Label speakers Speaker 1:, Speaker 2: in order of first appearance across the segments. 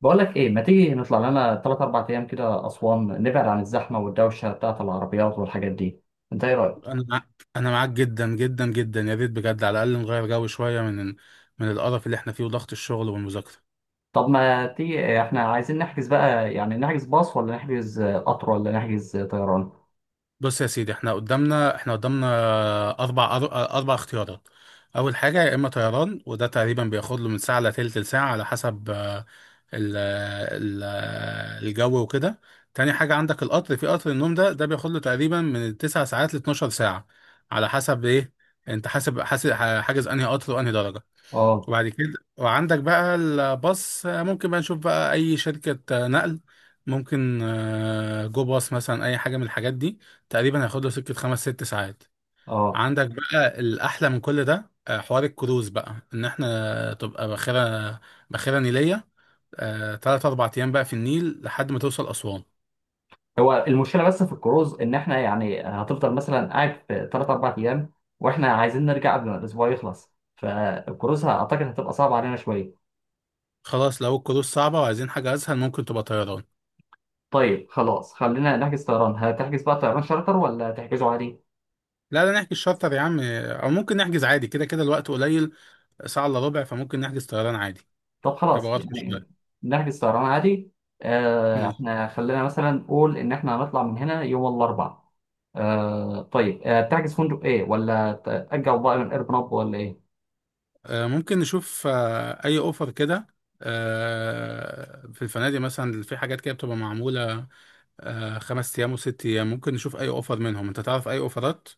Speaker 1: بقول لك ايه، ما تيجي نطلع لنا 3 4 ايام كده اسوان، نبعد عن الزحمه والدوشه بتاعه العربيات والحاجات دي؟ انت ايه رايك؟
Speaker 2: انا معاك، انا معاك جدا جدا جدا، يا ريت بجد على الاقل نغير جو شويه من القرف اللي احنا فيه وضغط الشغل والمذاكره.
Speaker 1: طب ما تيجي، احنا عايزين نحجز بقى، يعني نحجز باص ولا نحجز قطر ولا نحجز طيران؟
Speaker 2: بص يا سيدي، احنا قدامنا اربع أر- اربع اختيارات. اول حاجه، يا اما طيران، وده تقريبا بياخد له من ساعه لتلت ساعه على حسب ال ال الجو وكده. تاني حاجه، عندك القطر، في قطر النوم ده، بياخد له تقريبا من 9 ساعات ل 12 ساعة ساعه على حسب ايه انت حاسب حاجز انهي قطر وانهي درجه.
Speaker 1: اه،
Speaker 2: وبعد كده وعندك بقى الباص، ممكن بقى نشوف بقى اي شركة نقل ممكن، جو باص مثلا، اي حاجة من الحاجات دي تقريبا هياخد له سكة خمس ست ساعات.
Speaker 1: اه،
Speaker 2: عندك بقى الاحلى من كل ده، حوار الكروز بقى، ان احنا تبقى باخرة، باخرة نيلية، تلات اربع ايام بقى في النيل لحد ما توصل اسوان.
Speaker 1: هو المشكله بس في الكروز ان احنا يعني هتفضل مثلا قاعد في 3 4 ايام، واحنا عايزين نرجع قبل ما الاسبوع يخلص، فالكروز اعتقد هتبقى صعبه علينا شويه.
Speaker 2: خلاص، لو الكروز صعبة وعايزين حاجة اسهل، ممكن تبقى طيران.
Speaker 1: طيب خلاص، خلينا نحجز طيران. هتحجز بقى طيران شارتر ولا تحجزه عادي؟
Speaker 2: لا لا، نحجز شارتر يا عم، او ممكن نحجز عادي، كده كده الوقت قليل، ساعة الا ربع، فممكن نحجز طيران عادي.
Speaker 1: طب
Speaker 2: يبقى
Speaker 1: خلاص
Speaker 2: واضح
Speaker 1: يعني
Speaker 2: شوية.
Speaker 1: نحجز طيران عادي.
Speaker 2: ماشي.
Speaker 1: احنا خلينا مثلا نقول ان احنا هنطلع من هنا يوم الاربعاء. طيب، تحجز فندق ايه ولا تأجل بقى من ايربناب ولا ايه؟
Speaker 2: ممكن نشوف أي أوفر كده في الفنادق، مثلا في حاجات كده بتبقى معمولة خمس أيام وست أيام، ممكن نشوف أي أوفر منهم. أنت تعرف أي أوفرات؟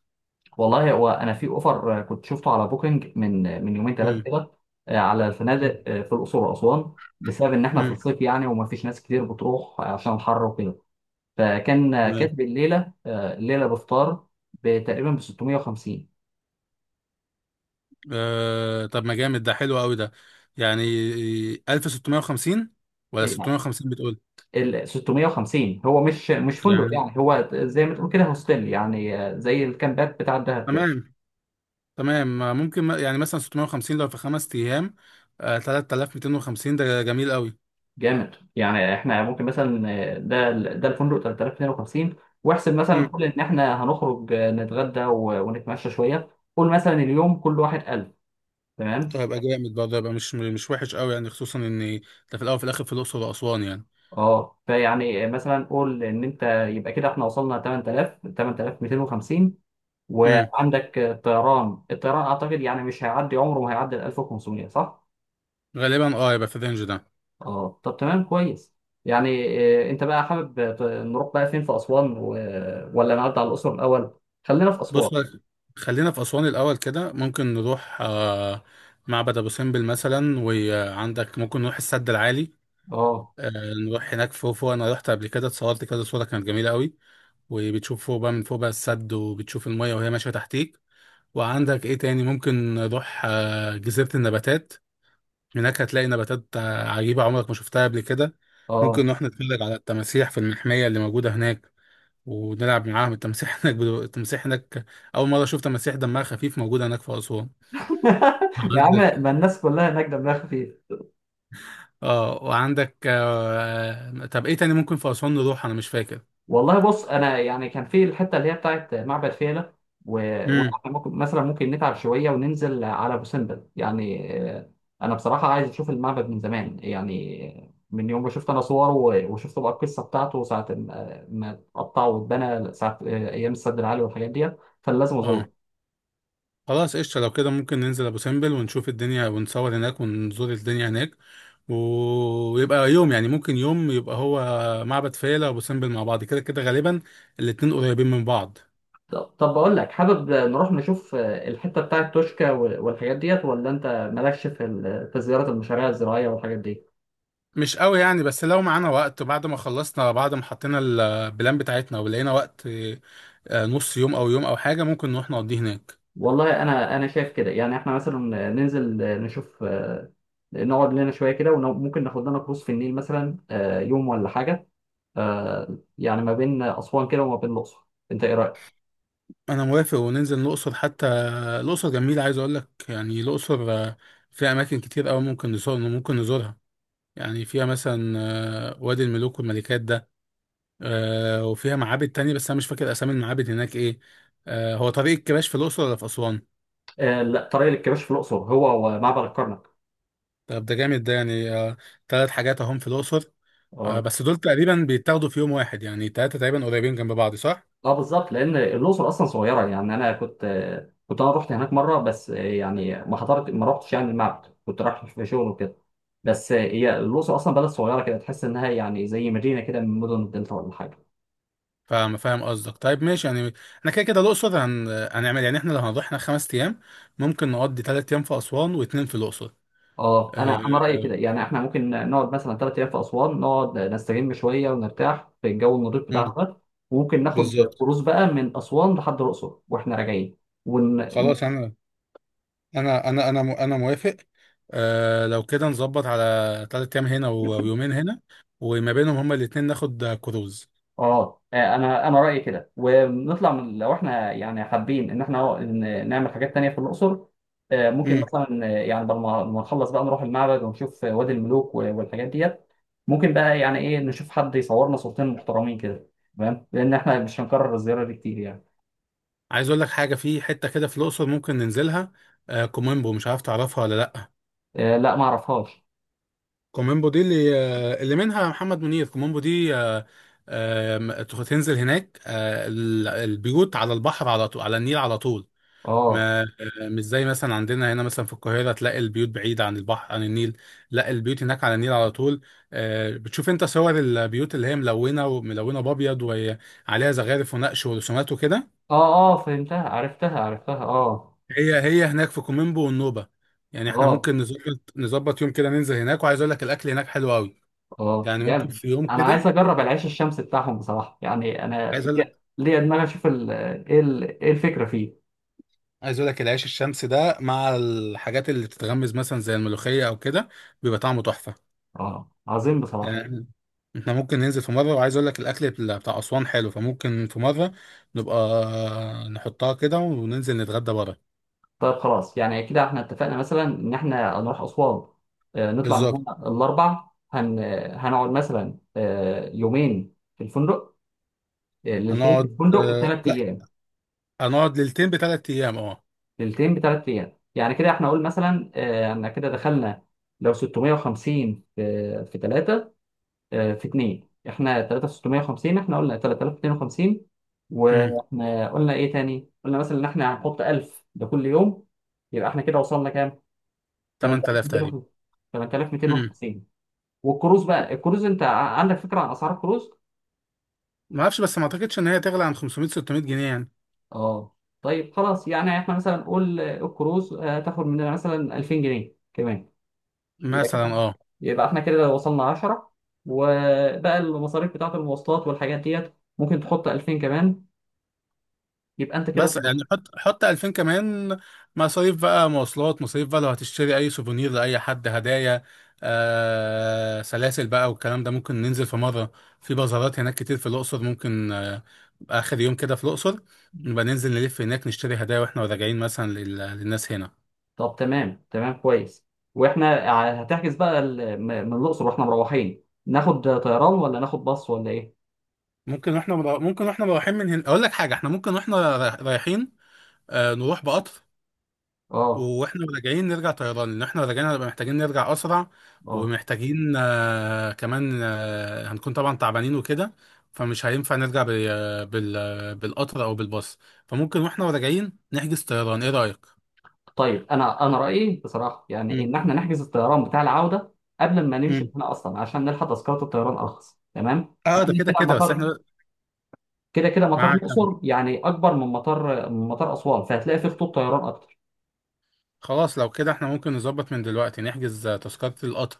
Speaker 1: والله، هو انا في اوفر، كنت شفته على بوكينج من يومين ثلاثه
Speaker 2: مم.
Speaker 1: كده. على
Speaker 2: مم.
Speaker 1: الفنادق، في الاقصر واسوان، بسبب ان احنا في
Speaker 2: مم.
Speaker 1: الصيف يعني، وما فيش ناس كتير بتروح عشان الحر وكده. فكان،
Speaker 2: تمام.
Speaker 1: كاتب الليله بفطار تقريبا ب 650.
Speaker 2: طب ما جامد، ده حلو أوي ده، يعني 1650 ولا
Speaker 1: إيه؟
Speaker 2: 650 بتقول؟
Speaker 1: ال 650 هو مش فندق
Speaker 2: يعني
Speaker 1: يعني، هو زي ما تقول كده هوستيل يعني، زي الكامبات بتاع الدهب كده.
Speaker 2: تمام. تمام، ممكن يعني مثلا 650 لو في خمس أيام، 3250، ده جميل أوي.
Speaker 1: جامد يعني، احنا ممكن مثلا، ده ده الفندق 3052. واحسب مثلا، قول ان احنا هنخرج، نتغدى ونتمشى شويه. قول مثلا اليوم كل واحد 1000. تمام.
Speaker 2: هيبقى جامد برضه، هيبقى مش وحش قوي، يعني خصوصا ان ده في الاول وفي الاخر في الاقصر واسوان يعني.
Speaker 1: اه، فيعني مثلا قول ان انت، يبقى كده احنا وصلنا 8000، 8250.
Speaker 2: امم،
Speaker 1: وعندك، الطيران اعتقد يعني مش هيعدي، عمره ما هيعدي ال 1500، صح؟
Speaker 2: غالبا اه، هيبقى في الرينج ده.
Speaker 1: اه، طب تمام كويس. يعني إيه انت بقى حابب نروح بقى فين في اسوان، ولا نعدي على الاقصر الاول؟ خلينا في اسوان.
Speaker 2: بص بقى، خلينا في اسوان الاول كده. ممكن نروح آه معبد ابو سمبل مثلا، وعندك ممكن نروح السد العالي،
Speaker 1: اه.
Speaker 2: آه نروح هناك فوق فوق. انا رحت قبل كده اتصورت كده صوره كانت جميله قوي، وبتشوف فوق بقى، من فوق بقى السد، وبتشوف الميه وهي ماشيه تحتيك. وعندك ايه تاني؟ ممكن نروح آه جزيره النباتات، هناك هتلاقي نباتات عجيبة عمرك ما شفتها قبل كده.
Speaker 1: اه.
Speaker 2: ممكن نروح نتفرج على التماسيح في المحمية اللي موجودة هناك، ونلعب معاهم التماسيح هناك. التماسيح هناك، أول مرة شفت تماسيح دمها خفيف موجودة هناك في أسوان.
Speaker 1: يا عم،
Speaker 2: عندك
Speaker 1: ما الناس كلها هناك دمها خفيف.
Speaker 2: اه. وعندك طب إيه تاني ممكن في أسوان نروح؟ أنا مش فاكر.
Speaker 1: والله، بص انا يعني كان في الحته اللي هي بتاعت معبد فيلة، و...
Speaker 2: امم.
Speaker 1: وإحنا ممكن مثلا، ممكن نتعب شويه وننزل على ابو سمبل يعني، انا بصراحه عايز اشوف المعبد من زمان يعني، من يوم ما شفت انا صوره وشفت بقى القصه بتاعته ساعه ما اتقطع واتبنى، ساعه، ايام السد العالي والحاجات ديت، فلازم ازوره.
Speaker 2: اه، خلاص قشطة. لو كده ممكن ننزل أبو سمبل ونشوف الدنيا ونصور هناك ونزور الدنيا هناك و- ويبقى يوم، يعني ممكن يوم يبقى هو معبد فيلة وأبو سمبل مع بعض، كده كده غالبا الاتنين قريبين من بعض.
Speaker 1: طب بقول لك، حابب نروح نشوف، الحته بتاعت توشكا والحاجات ديت، ولا انت مالكش في في زياره المشاريع الزراعيه والحاجات دي؟
Speaker 2: مش قوي يعني، بس لو معانا وقت بعد ما خلصنا، بعد ما حطينا البلان بتاعتنا ولقينا وقت، نص يوم أو يوم أو حاجة ممكن نروح نقضيه هناك.
Speaker 1: والله انا شايف كده، يعني احنا مثلا ننزل، نشوف، نقعد لنا شويه كده، وممكن ناخد لنا كروز في النيل مثلا، يوم ولا حاجه، يعني ما بين اسوان كده وما بين الاقصر. انت ايه رايك؟
Speaker 2: أنا موافق، وننزل الأقصر حتى. الأقصر جميلة، عايز أقول لك، يعني الأقصر فيها أماكن كتير أوي ممكن نزور، ممكن نزورها. يعني فيها مثلا وادي الملوك والملكات ده، وفيها معابد تانية بس أنا مش فاكر أسامي المعابد هناك إيه. هو طريق الكباش في الأقصر ولا في أسوان؟
Speaker 1: لا، طريق الكباش في الاقصر، هو ومعبد الكرنك.
Speaker 2: طب ده جامد، ده يعني تلات حاجات أهم في الأقصر.
Speaker 1: اه.
Speaker 2: بس دول تقريبا بيتاخدوا في يوم واحد، يعني تلاتة تقريبا قريبين جنب بعض، صح؟
Speaker 1: اه، بالظبط، لان الاقصر اصلا صغيره يعني. انا كنت انا رحت هناك مره، بس، يعني ما حضرت، ما رحتش يعني المعبد، كنت رايح في شغل وكده. بس، هي الاقصر اصلا بلد صغيره كده، تحس انها يعني زي مدينه كده من مدن الدلتا ولا حاجه.
Speaker 2: فاهم، فاهم قصدك. طيب ماشي يعني، احنا كده كده الأقصر هنعمل يعني، احنا لو هنروح هناك خمس أيام، ممكن نقضي تلات أيام في أسوان واتنين في الأقصر.
Speaker 1: اه، انا رايي
Speaker 2: آه.
Speaker 1: كده، يعني احنا ممكن نقعد مثلا ثلاث ايام في اسوان، نقعد نستجم شويه ونرتاح في الجو النضيف
Speaker 2: مم.
Speaker 1: بتاعها ده. وممكن ناخد
Speaker 2: بالظبط.
Speaker 1: كروز بقى من اسوان لحد الاقصر واحنا راجعين، ون...
Speaker 2: خلاص أنا، انا موافق. آه لو كده، نظبط على تلات ايام هنا و- ويومين هنا، وما بينهم هما الاتنين ناخد كروز.
Speaker 1: اه، انا رايي كده. ونطلع من، لو احنا يعني حابين ان احنا نعمل حاجات تانية في الاقصر، ممكن
Speaker 2: امم.
Speaker 1: مثلا، يعني بعد ما نخلص بقى نروح المعبد ونشوف وادي الملوك والحاجات ديت. ممكن بقى، يعني ايه، نشوف حد يصورنا صورتين محترمين كده، تمام، لان احنا مش هنكرر الزياره دي كتير يعني.
Speaker 2: عايز اقول لك حاجه، في حته كده في الاقصر ممكن ننزلها، آه كوميمبو، مش عارف تعرفها ولا لا.
Speaker 1: لا، ما اعرفهاش.
Speaker 2: كوميمبو دي اللي، آه اللي منها محمد منير، كوميمبو دي آه. آه تنزل هناك، آه البيوت على البحر على طول، على النيل على طول،
Speaker 1: اه.
Speaker 2: ما مش زي مثلا عندنا هنا مثلا في القاهرة تلاقي البيوت بعيدة عن البحر، عن النيل، لا البيوت هناك على النيل على طول. بتشوف انت صور البيوت اللي هي ملونة، وملونة بأبيض وعليها زخارف ونقش ورسومات وكده.
Speaker 1: اه، اه، فهمتها، عرفتها، عرفتها، اه.
Speaker 2: هي، هي هناك في كوميمبو والنوبة. يعني احنا
Speaker 1: اه،
Speaker 2: ممكن نظبط، يوم كده ننزل هناك، وعايز اقول لك الاكل هناك حلو قوي،
Speaker 1: اه،
Speaker 2: يعني ممكن
Speaker 1: جامد.
Speaker 2: في يوم
Speaker 1: انا
Speaker 2: كده.
Speaker 1: عايز اجرب العيش الشمسي بتاعهم بصراحه، يعني انا
Speaker 2: عايز اقول لك،
Speaker 1: ليا دماغ اشوف ال- ايه الفكره فيه.
Speaker 2: العيش الشمسي ده مع الحاجات اللي بتتغمز مثلا زي الملوخية او كده، بيبقى طعمه تحفة.
Speaker 1: اه، عظيم بصراحه.
Speaker 2: آه، احنا ممكن ننزل في مرة، وعايز اقول لك الاكل بتاع اسوان حلو، فممكن في مرة نبقى نحطها كده وننزل نتغدى بره.
Speaker 1: طيب خلاص، يعني كده احنا اتفقنا مثلا ان احنا هنروح اسوان، نطلع من
Speaker 2: بالظبط.
Speaker 1: هنا الاربع، هنقعد مثلا، يومين في الفندق، ليلتين في
Speaker 2: هنقعد،
Speaker 1: الفندق، وثلاث
Speaker 2: لا،
Speaker 1: ايام.
Speaker 2: هنقعد ليلتين بثلاث ايام اه.
Speaker 1: ليلتين بثلاث ايام. يعني كده احنا، قول مثلا، احنا كده دخلنا لو 650 في 3، في 2، احنا 3 في 650، احنا قلنا 3250.
Speaker 2: امم.
Speaker 1: واحنا قلنا ايه تاني؟ قلنا مثلا ان احنا هنحط 1000 ده كل يوم. يبقى احنا كده وصلنا كام؟
Speaker 2: 8000 تقريبا.
Speaker 1: 8250.
Speaker 2: امم.
Speaker 1: 8250. والكروز بقى، الكروز، انت عندك فكرة عن اسعار الكروز؟
Speaker 2: ما اعرفش، بس ما اعتقدش ان هي تغلى عن 500 600 جنيه يعني.
Speaker 1: اه، طيب خلاص، يعني احنا مثلا نقول، الكروز، هتاخد مننا مثلا 2000 جنيه كمان. يبقى كده،
Speaker 2: مثلا اه.
Speaker 1: يبقى احنا كده وصلنا 10. وبقى المصاريف بتاعة المواصلات والحاجات ديت، ممكن تحط 2000 كمان. يبقى انت كده في
Speaker 2: بس
Speaker 1: البطولة.
Speaker 2: يعني حط، 2000 كمان، مصاريف بقى مواصلات، مصاريف بقى لو هتشتري اي سوفونير لاي حد، هدايا، آه سلاسل بقى والكلام ده. ممكن ننزل في مره، في بازارات هناك كتير في الاقصر، ممكن آه اخر يوم كده في الاقصر نبقى ننزل نلف هناك نشتري هدايا واحنا راجعين مثلا للناس هنا.
Speaker 1: طب تمام، تمام، كويس. واحنا هتحجز بقى من الأقصر واحنا مروحين، ناخد طيران ولا ناخد باص ولا ايه؟
Speaker 2: ممكن واحنا ممكن واحنا رايحين من هنا، اقول لك حاجه، احنا ممكن واحنا رايحين آه نروح بقطر،
Speaker 1: اه.
Speaker 2: واحنا راجعين نرجع طيران، لان احنا راجعين هنبقى محتاجين نرجع اسرع،
Speaker 1: اه،
Speaker 2: ومحتاجين آه كمان آه هنكون طبعا تعبانين وكده، فمش هينفع نرجع بالقطر او بالباص، فممكن واحنا راجعين نحجز طيران، ايه رايك؟
Speaker 1: طيب، انا رأيي بصراحة، يعني
Speaker 2: مم.
Speaker 1: ان احنا نحجز الطيران بتاع العودة قبل ما نمشي من
Speaker 2: مم.
Speaker 1: هنا اصلا، عشان نلحق تذكرة الطيران ارخص، تمام؟
Speaker 2: اه ده
Speaker 1: وكده
Speaker 2: كده
Speaker 1: كده
Speaker 2: كده، بس
Speaker 1: المطار،
Speaker 2: احنا
Speaker 1: كده كده مطار
Speaker 2: معاك.
Speaker 1: الأقصر يعني أكبر من مطار أسوان، فهتلاقي فيه خطوط طيران أكتر.
Speaker 2: خلاص، لو كده احنا ممكن نظبط من دلوقتي نحجز تذكرة القطر.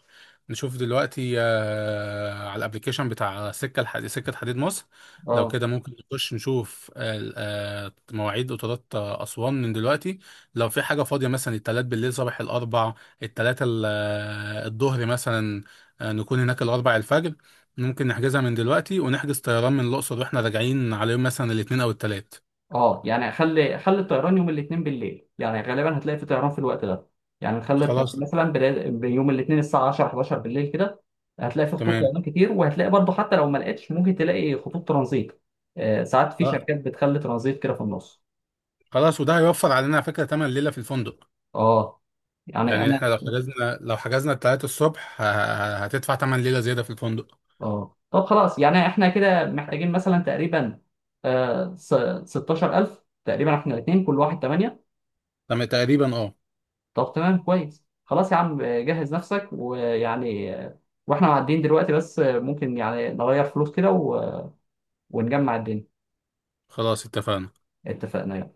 Speaker 2: نشوف دلوقتي على الابليكيشن بتاع سكة الحديد، سكة حديد مصر. لو
Speaker 1: أه.
Speaker 2: كده ممكن نخش نشوف مواعيد قطارات أسوان من دلوقتي، لو في حاجة فاضية مثلا التلات بالليل، صباح الأربع، التلاتة الظهر مثلا، نكون هناك الأربع الفجر. ممكن نحجزها من دلوقتي، ونحجز طيران من الأقصر واحنا راجعين على يوم مثلا الاتنين أو التلات.
Speaker 1: أه، يعني خلي خلي الطيران يوم الاثنين بالليل، يعني غالبا هتلاقي في طيران في الوقت ده، يعني نخلي الطيران
Speaker 2: خلاص.
Speaker 1: مثلا بداية يوم الاثنين الساعة 10 11 بالليل كده، هتلاقي فيه خطوط
Speaker 2: تمام.
Speaker 1: طيران كتير، وهتلاقي برضه حتى لو ما لقيتش ممكن تلاقي خطوط ترانزيت. آه، ساعات في شركات بتخلي ترانزيت كده في النص.
Speaker 2: خلاص، وده هيوفر علينا على فكرة تمن ليلة في الفندق.
Speaker 1: أه، يعني
Speaker 2: يعني احنا
Speaker 1: أنا.
Speaker 2: لو حجزنا، التلاتة الصبح هتدفع تمن ليلة زيادة في الفندق.
Speaker 1: اه، طب خلاص، يعني احنا كده محتاجين مثلا تقريبا آه س- 16000 تقريبا، احنا الاثنين كل واحد 8.
Speaker 2: تقريبا اه.
Speaker 1: طب تمام كويس، خلاص يا عم، جهز نفسك، ويعني، واحنا معديين دلوقتي، بس، ممكن يعني نغير فلوس كده ونجمع الدنيا.
Speaker 2: خلاص اتفقنا.
Speaker 1: اتفقنا.